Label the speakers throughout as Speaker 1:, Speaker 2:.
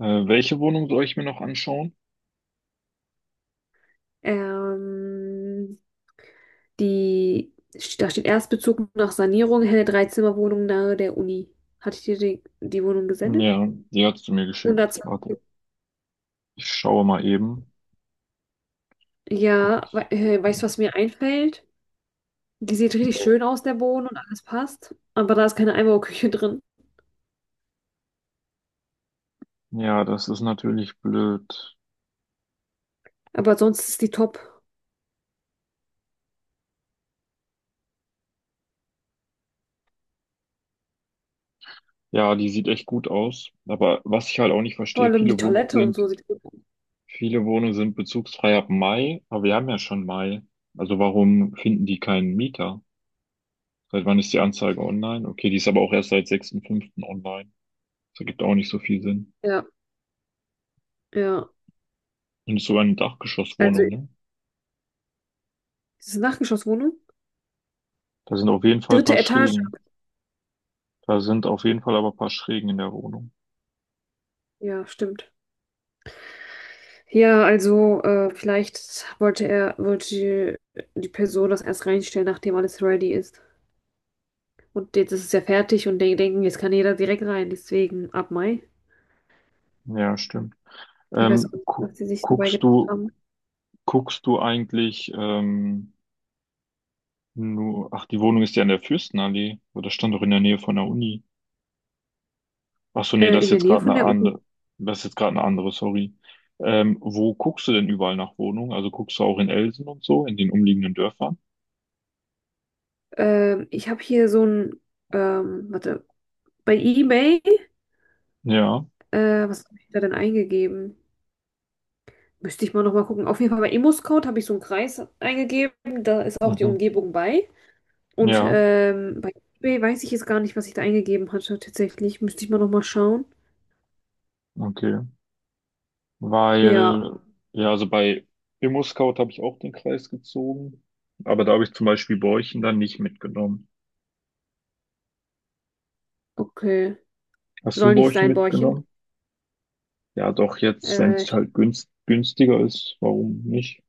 Speaker 1: Welche Wohnung soll ich mir noch anschauen?
Speaker 2: Ähm, die, da steht Erstbezug nach Sanierung, helle Dreizimmerwohnung nahe der Uni. Hatte ich dir die Wohnung gesendet?
Speaker 1: Ja, die hast du mir geschickt. Warte,
Speaker 2: 120.
Speaker 1: ich schaue mal eben.
Speaker 2: Ja,
Speaker 1: Okay.
Speaker 2: we weißt du, was mir einfällt? Die sieht richtig schön aus, der Boden und alles passt. Aber da ist keine Einbauküche drin.
Speaker 1: Ja, das ist natürlich blöd.
Speaker 2: Aber sonst ist die top.
Speaker 1: Ja, die sieht echt gut aus. Aber was ich halt auch nicht
Speaker 2: Vor
Speaker 1: verstehe,
Speaker 2: allem die Toilette und so sieht gut aus.
Speaker 1: viele Wohnungen sind bezugsfrei ab Mai, aber wir haben ja schon Mai. Also warum finden die keinen Mieter? Seit wann ist die Anzeige online? Okay, die ist aber auch erst seit 6.5. online. Das ergibt auch nicht so viel Sinn.
Speaker 2: Ja, ja.
Speaker 1: Und es ist sogar eine
Speaker 2: Also,
Speaker 1: Dachgeschosswohnung,
Speaker 2: ist
Speaker 1: ne?
Speaker 2: es eine Nachgeschosswohnung?
Speaker 1: Da sind auf jeden Fall ein
Speaker 2: Dritte
Speaker 1: paar
Speaker 2: Etage.
Speaker 1: Schrägen. Da sind auf jeden Fall aber ein paar Schrägen in der Wohnung.
Speaker 2: Ja, stimmt. Ja, also vielleicht wollte die Person das erst reinstellen, nachdem alles ready ist. Und jetzt ist es ja fertig und die denken, jetzt kann jeder direkt rein, deswegen ab Mai.
Speaker 1: Ja, stimmt.
Speaker 2: Ich weiß auch nicht,
Speaker 1: Gu
Speaker 2: was sie sich dabei
Speaker 1: guckst
Speaker 2: gedacht
Speaker 1: du,
Speaker 2: haben.
Speaker 1: guckst du eigentlich nur, ach, die Wohnung ist ja in der Fürstenallee, oder das stand doch in der Nähe von der Uni. Ach so, nee,
Speaker 2: In der Nähe von der Uni.
Speaker 1: das ist jetzt gerade eine andere, sorry. Wo guckst du denn überall nach Wohnungen? Also guckst du auch in Elsen und so, in den umliegenden Dörfern?
Speaker 2: Ich habe hier so ein, warte, bei eBay,
Speaker 1: Ja,
Speaker 2: was habe ich da denn eingegeben? Müsste ich mal nochmal gucken. Auf jeden Fall bei Immoscout habe ich so einen Kreis eingegeben, da ist auch die
Speaker 1: mhm.
Speaker 2: Umgebung bei. Und
Speaker 1: Ja,
Speaker 2: bei eBay weiß ich jetzt gar nicht, was ich da eingegeben hatte. Tatsächlich müsste ich mal nochmal schauen.
Speaker 1: okay.
Speaker 2: Ja,
Speaker 1: Weil, ja, also bei ImmoScout habe ich auch den Kreis gezogen, aber da habe ich zum Beispiel Borchen dann nicht mitgenommen.
Speaker 2: okay.
Speaker 1: Hast du
Speaker 2: Soll nicht
Speaker 1: Borchen
Speaker 2: sein, Bäuerchen.
Speaker 1: mitgenommen? Ja, doch, jetzt, wenn
Speaker 2: Äh,
Speaker 1: günstiger ist, warum nicht?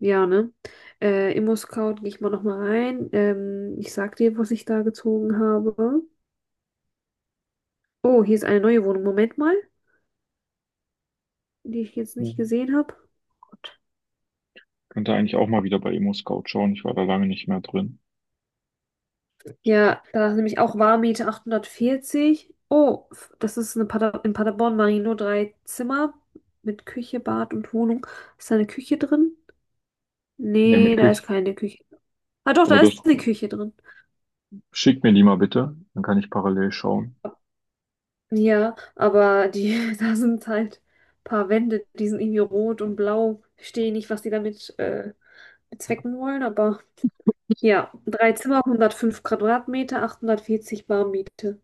Speaker 2: ja, ne? ImmoScout gehe ich mal nochmal rein. Ich sag dir, was ich da gezogen habe. Oh, hier ist eine neue Wohnung. Moment mal, die ich jetzt
Speaker 1: Ja.
Speaker 2: nicht gesehen habe. Gott.
Speaker 1: Könnte eigentlich auch mal wieder bei ImmoScout schauen. Ich war da lange nicht mehr drin.
Speaker 2: Ja, da ist nämlich auch Warmmiete 840. Oh, das ist eine Pader in Paderborn, Marino, drei Zimmer mit Küche, Bad und Wohnung. Ist da eine Küche drin?
Speaker 1: Ja, mit
Speaker 2: Nee, da ist
Speaker 1: Küche.
Speaker 2: keine Küche. Ah doch,
Speaker 1: Aber
Speaker 2: da ist
Speaker 1: das
Speaker 2: eine Küche drin.
Speaker 1: Schick mir die mal bitte, dann kann ich parallel schauen.
Speaker 2: Ja, aber die, da sind halt ein paar Wände, die sind irgendwie rot und blau. Verstehe nicht, was die damit bezwecken wollen, aber ja, drei Zimmer, 105 Quadratmeter, 840 Bar Miete.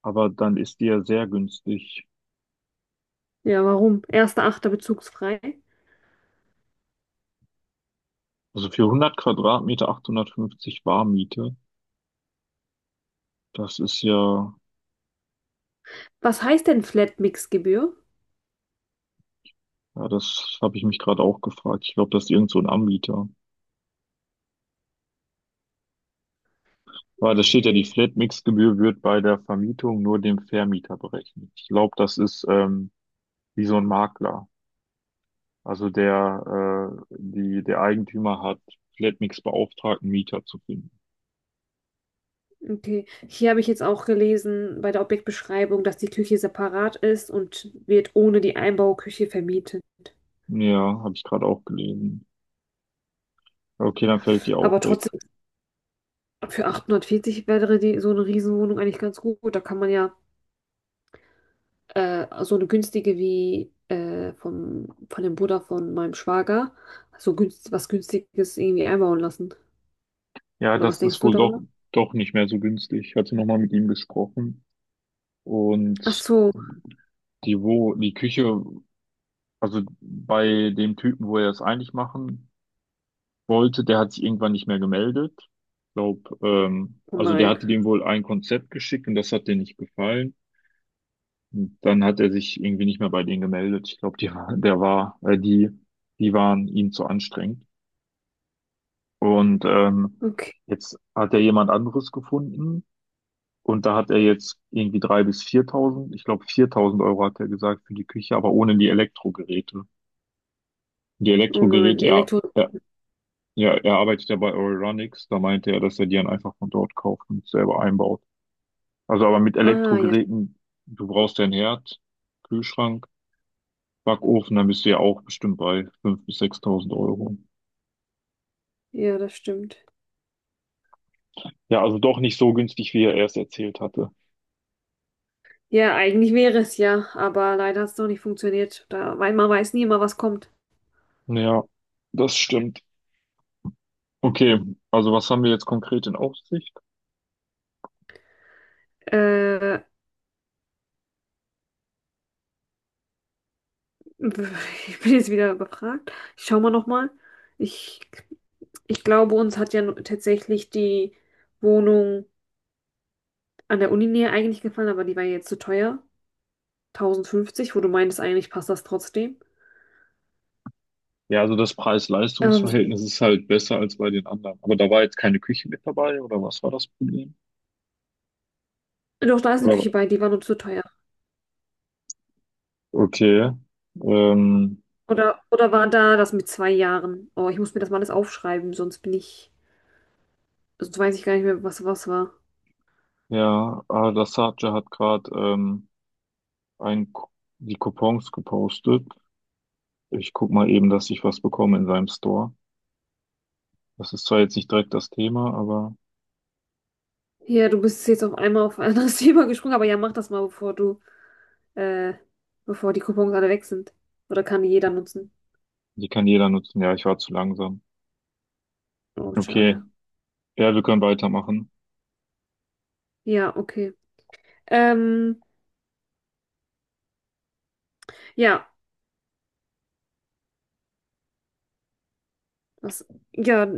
Speaker 1: Aber dann ist die ja sehr günstig.
Speaker 2: Ja, warum? Erster, achter bezugsfrei.
Speaker 1: Also für 100 Quadratmeter 850 Warmmiete, das ist ja
Speaker 2: Was heißt denn Flat-Mix-Gebühr?
Speaker 1: Ja, das habe ich mich gerade auch gefragt. Ich glaube, das ist irgend so ein Anbieter. Aber da steht ja, die
Speaker 2: Okay,
Speaker 1: Flatmix-Gebühr wird bei der Vermietung nur dem Vermieter berechnet. Ich glaube, das ist wie so ein Makler. Also der Eigentümer hat Flatmix beauftragt, einen Mieter zu finden.
Speaker 2: okay. Hier habe ich jetzt auch gelesen bei der Objektbeschreibung, dass die Küche separat ist und wird ohne die Einbauküche vermietet.
Speaker 1: Ja, habe ich gerade auch gelesen. Okay, dann fällt die
Speaker 2: Aber
Speaker 1: auch weg.
Speaker 2: trotzdem, für 840 wäre die, so eine Riesenwohnung eigentlich ganz gut. Da kann man ja so eine günstige wie von dem Bruder von meinem Schwager, was Günstiges irgendwie einbauen lassen.
Speaker 1: Ja,
Speaker 2: Oder was
Speaker 1: das
Speaker 2: denkst
Speaker 1: ist
Speaker 2: du
Speaker 1: wohl doch,
Speaker 2: darüber?
Speaker 1: doch nicht mehr so günstig. Ich hatte nochmal mit ihm gesprochen.
Speaker 2: Ach
Speaker 1: Und
Speaker 2: so,
Speaker 1: die Küche, also bei dem Typen, wo er es eigentlich machen wollte, der hat sich irgendwann nicht mehr gemeldet. Ich glaube,
Speaker 2: oh
Speaker 1: also der
Speaker 2: nein.
Speaker 1: hatte dem wohl ein Konzept geschickt und das hat dem nicht gefallen. Und dann hat er sich irgendwie nicht mehr bei denen gemeldet. Ich glaube, die, war- der war, die, die waren ihm zu anstrengend. Und
Speaker 2: Okay,
Speaker 1: jetzt hat er jemand anderes gefunden und da hat er jetzt irgendwie 3000 bis 4000, ich glaube 4000 Euro hat er gesagt für die Küche, aber ohne die Elektrogeräte. Die
Speaker 2: oh nein,
Speaker 1: Elektrogeräte,
Speaker 2: die
Speaker 1: ja,
Speaker 2: Elektro...
Speaker 1: Ja, er arbeitet ja bei Euronics. Da meinte er, dass er die dann einfach von dort kauft und selber einbaut. Also aber mit
Speaker 2: Ah, ja,
Speaker 1: Elektrogeräten, du brauchst ja einen Herd, Kühlschrank, Backofen, dann bist du ja auch bestimmt bei 5000 bis 6000 Euro.
Speaker 2: ja, das stimmt.
Speaker 1: Ja, also doch nicht so günstig, wie er erst erzählt hatte.
Speaker 2: Ja, eigentlich wäre es ja, aber leider hat es noch nicht funktioniert. Da, weil man weiß nie immer, was kommt.
Speaker 1: Ja, das stimmt. Okay, also was haben wir jetzt konkret in Aussicht?
Speaker 2: Äh, Ich bin jetzt wieder überfragt. Ich schau mal nochmal. Ich, ich glaube, uns hat ja tatsächlich die Wohnung an der Uninähe eigentlich gefallen, aber die war jetzt zu teuer. 1.050, wo du meintest, eigentlich passt das trotzdem.
Speaker 1: Ja, also das
Speaker 2: Ähm,
Speaker 1: Preis-Leistungs-Verhältnis ist halt besser als bei den anderen. Aber da war jetzt keine Küche mit dabei, oder was war das Problem?
Speaker 2: Doch, da ist eine
Speaker 1: Oder,
Speaker 2: Küche bei, die war nur zu teuer.
Speaker 1: okay. Ähm,
Speaker 2: Oder war da das mit 2 Jahren? Oh, ich muss mir das mal alles aufschreiben, sonst sonst weiß ich gar nicht mehr, was war.
Speaker 1: ja, Al-Dassaja hat gerade ein, Ku- die Coupons gepostet. Ich guck mal eben, dass ich was bekomme in seinem Store. Das ist zwar jetzt nicht direkt das Thema, aber
Speaker 2: Ja, du bist jetzt auf einmal auf ein anderes Thema gesprungen, aber ja, mach das mal, bevor du äh, bevor die Coupons alle weg sind. Oder kann die jeder nutzen?
Speaker 1: die kann jeder nutzen. Ja, ich war zu langsam.
Speaker 2: Oh,
Speaker 1: Okay,
Speaker 2: schade.
Speaker 1: ja, wir können weitermachen.
Speaker 2: Ja, okay. Ähm, ja, was, ja,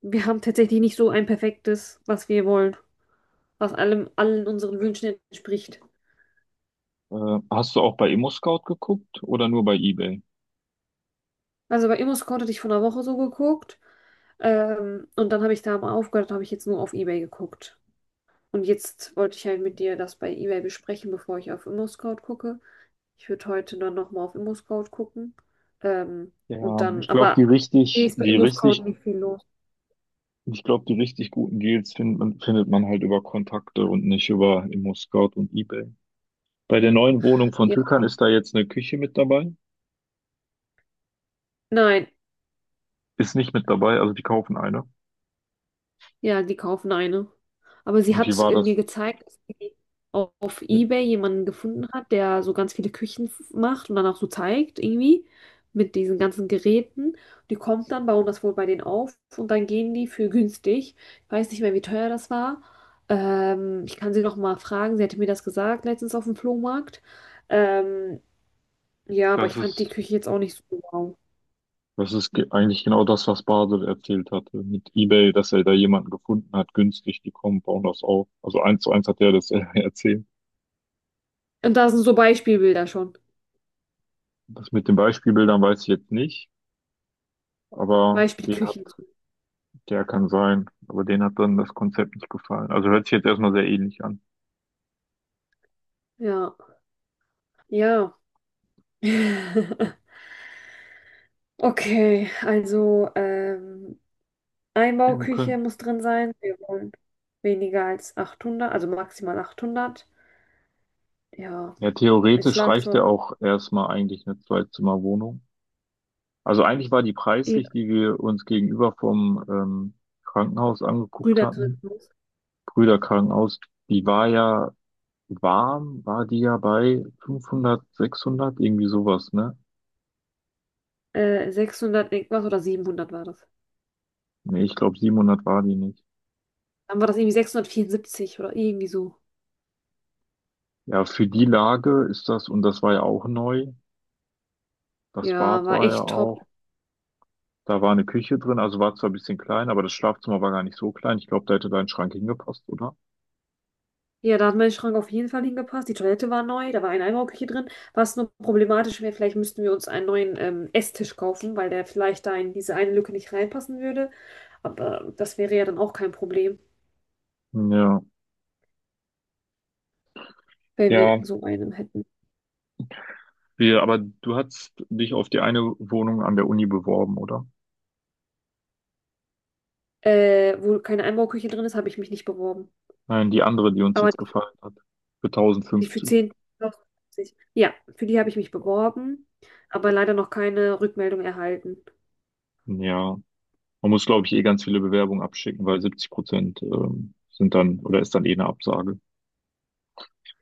Speaker 2: wir haben tatsächlich nicht so ein perfektes, was wir wollen, was allen unseren Wünschen entspricht.
Speaker 1: Hast du auch bei ImmoScout geguckt oder nur bei eBay?
Speaker 2: Also bei ImmoScout hatte ich vor einer Woche so geguckt, und dann habe ich da mal aufgehört, habe ich jetzt nur auf eBay geguckt. Und jetzt wollte ich halt mit dir das bei eBay besprechen, bevor ich auf ImmoScout gucke. Ich würde heute dann nochmal auf ImmoScout gucken. Ähm, und
Speaker 1: Ja, ich
Speaker 2: dann,
Speaker 1: glaube, die
Speaker 2: aber Nee,
Speaker 1: richtig,
Speaker 2: ist bei
Speaker 1: die
Speaker 2: ImmoScout
Speaker 1: richtig,
Speaker 2: nicht viel los.
Speaker 1: ich glaube, die richtig guten Deals findet man, halt über Kontakte und nicht über ImmoScout und eBay. Bei der neuen Wohnung von
Speaker 2: Ja,
Speaker 1: Türkan ist da jetzt eine Küche mit dabei.
Speaker 2: nein,
Speaker 1: Ist nicht mit dabei, also die kaufen eine.
Speaker 2: ja, die kaufen eine. Aber sie
Speaker 1: Und die
Speaker 2: hat
Speaker 1: war
Speaker 2: mir
Speaker 1: das,
Speaker 2: gezeigt, dass sie auf eBay jemanden gefunden hat, der so ganz viele Küchen macht und dann auch so zeigt, irgendwie, mit diesen ganzen Geräten. Die kommt dann, bauen das wohl bei denen auf und dann gehen die für günstig. Ich weiß nicht mehr, wie teuer das war. Ich kann sie noch mal fragen. Sie hatte mir das gesagt letztens auf dem Flohmarkt. Ähm, Ja, aber ich
Speaker 1: Das
Speaker 2: fand die
Speaker 1: ist,
Speaker 2: Küche jetzt auch nicht so wow.
Speaker 1: eigentlich genau das, was Basel erzählt hatte mit eBay, dass er da jemanden gefunden hat, günstig, die kommen, bauen das auf. Also eins zu eins hat er das erzählt.
Speaker 2: Und da sind so Beispielbilder schon.
Speaker 1: Das mit den Beispielbildern weiß ich jetzt nicht, aber den hat,
Speaker 2: Beispielküchen.
Speaker 1: der kann sein, aber den hat dann das Konzept nicht gefallen. Also hört sich jetzt erstmal sehr ähnlich an.
Speaker 2: Ja, ja. Okay, also
Speaker 1: Ja, wir
Speaker 2: Einbauküche
Speaker 1: können.
Speaker 2: muss drin sein. Wir wollen weniger als 800, also maximal 800. Ja,
Speaker 1: Ja,
Speaker 2: ein
Speaker 1: theoretisch reicht
Speaker 2: Schlafzimmer,
Speaker 1: ja auch erstmal eigentlich eine Zwei-Zimmer-Wohnung. Also eigentlich war die
Speaker 2: eh
Speaker 1: preislich, die wir uns gegenüber vom Krankenhaus angeguckt
Speaker 2: Brüder drin
Speaker 1: hatten,
Speaker 2: muss.
Speaker 1: Brüder Krankenhaus, die war ja warm, war die ja bei 500, 600, irgendwie sowas, ne?
Speaker 2: 600 irgendwas oder 700 war das.
Speaker 1: Nee, ich glaube 700 war die nicht.
Speaker 2: Dann war das irgendwie 674 oder irgendwie so.
Speaker 1: Ja, für die Lage ist das, und das war ja auch neu, das
Speaker 2: Ja,
Speaker 1: Bad
Speaker 2: war
Speaker 1: war ja
Speaker 2: echt top.
Speaker 1: auch, da war eine Küche drin, also war zwar ein bisschen klein, aber das Schlafzimmer war gar nicht so klein. Ich glaube, da hätte dein Schrank hingepasst, oder?
Speaker 2: Ja, da hat mein Schrank auf jeden Fall hingepasst. Die Toilette war neu, da war ein Einbauküche drin. Was nur problematisch wäre, vielleicht müssten wir uns einen neuen Esstisch kaufen, weil der vielleicht da in diese eine Lücke nicht reinpassen würde. Aber das wäre ja dann auch kein Problem,
Speaker 1: Ja.
Speaker 2: wenn wir
Speaker 1: Ja,
Speaker 2: so einen hätten.
Speaker 1: wir, aber du hast dich auf die eine Wohnung an der Uni beworben, oder?
Speaker 2: Wo keine Einbauküche drin ist, habe ich mich nicht beworben.
Speaker 1: Nein, die andere, die uns
Speaker 2: Aber
Speaker 1: jetzt
Speaker 2: die,
Speaker 1: gefallen hat. Für
Speaker 2: die für
Speaker 1: 1050.
Speaker 2: zehn, ja, für die habe ich mich beworben, aber leider noch keine Rückmeldung erhalten.
Speaker 1: Ja. Man muss, glaube ich, eh ganz viele Bewerbungen abschicken, weil 70% sind dann oder ist dann eh eine Absage.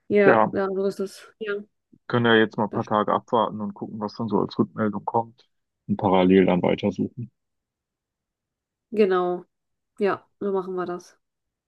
Speaker 2: Ja,
Speaker 1: Ja,
Speaker 2: ja, so ist das. Ja,
Speaker 1: können ja jetzt mal ein paar
Speaker 2: das,
Speaker 1: Tage abwarten und gucken, was dann so als Rückmeldung kommt und parallel dann weitersuchen.
Speaker 2: genau. Ja, so machen wir das.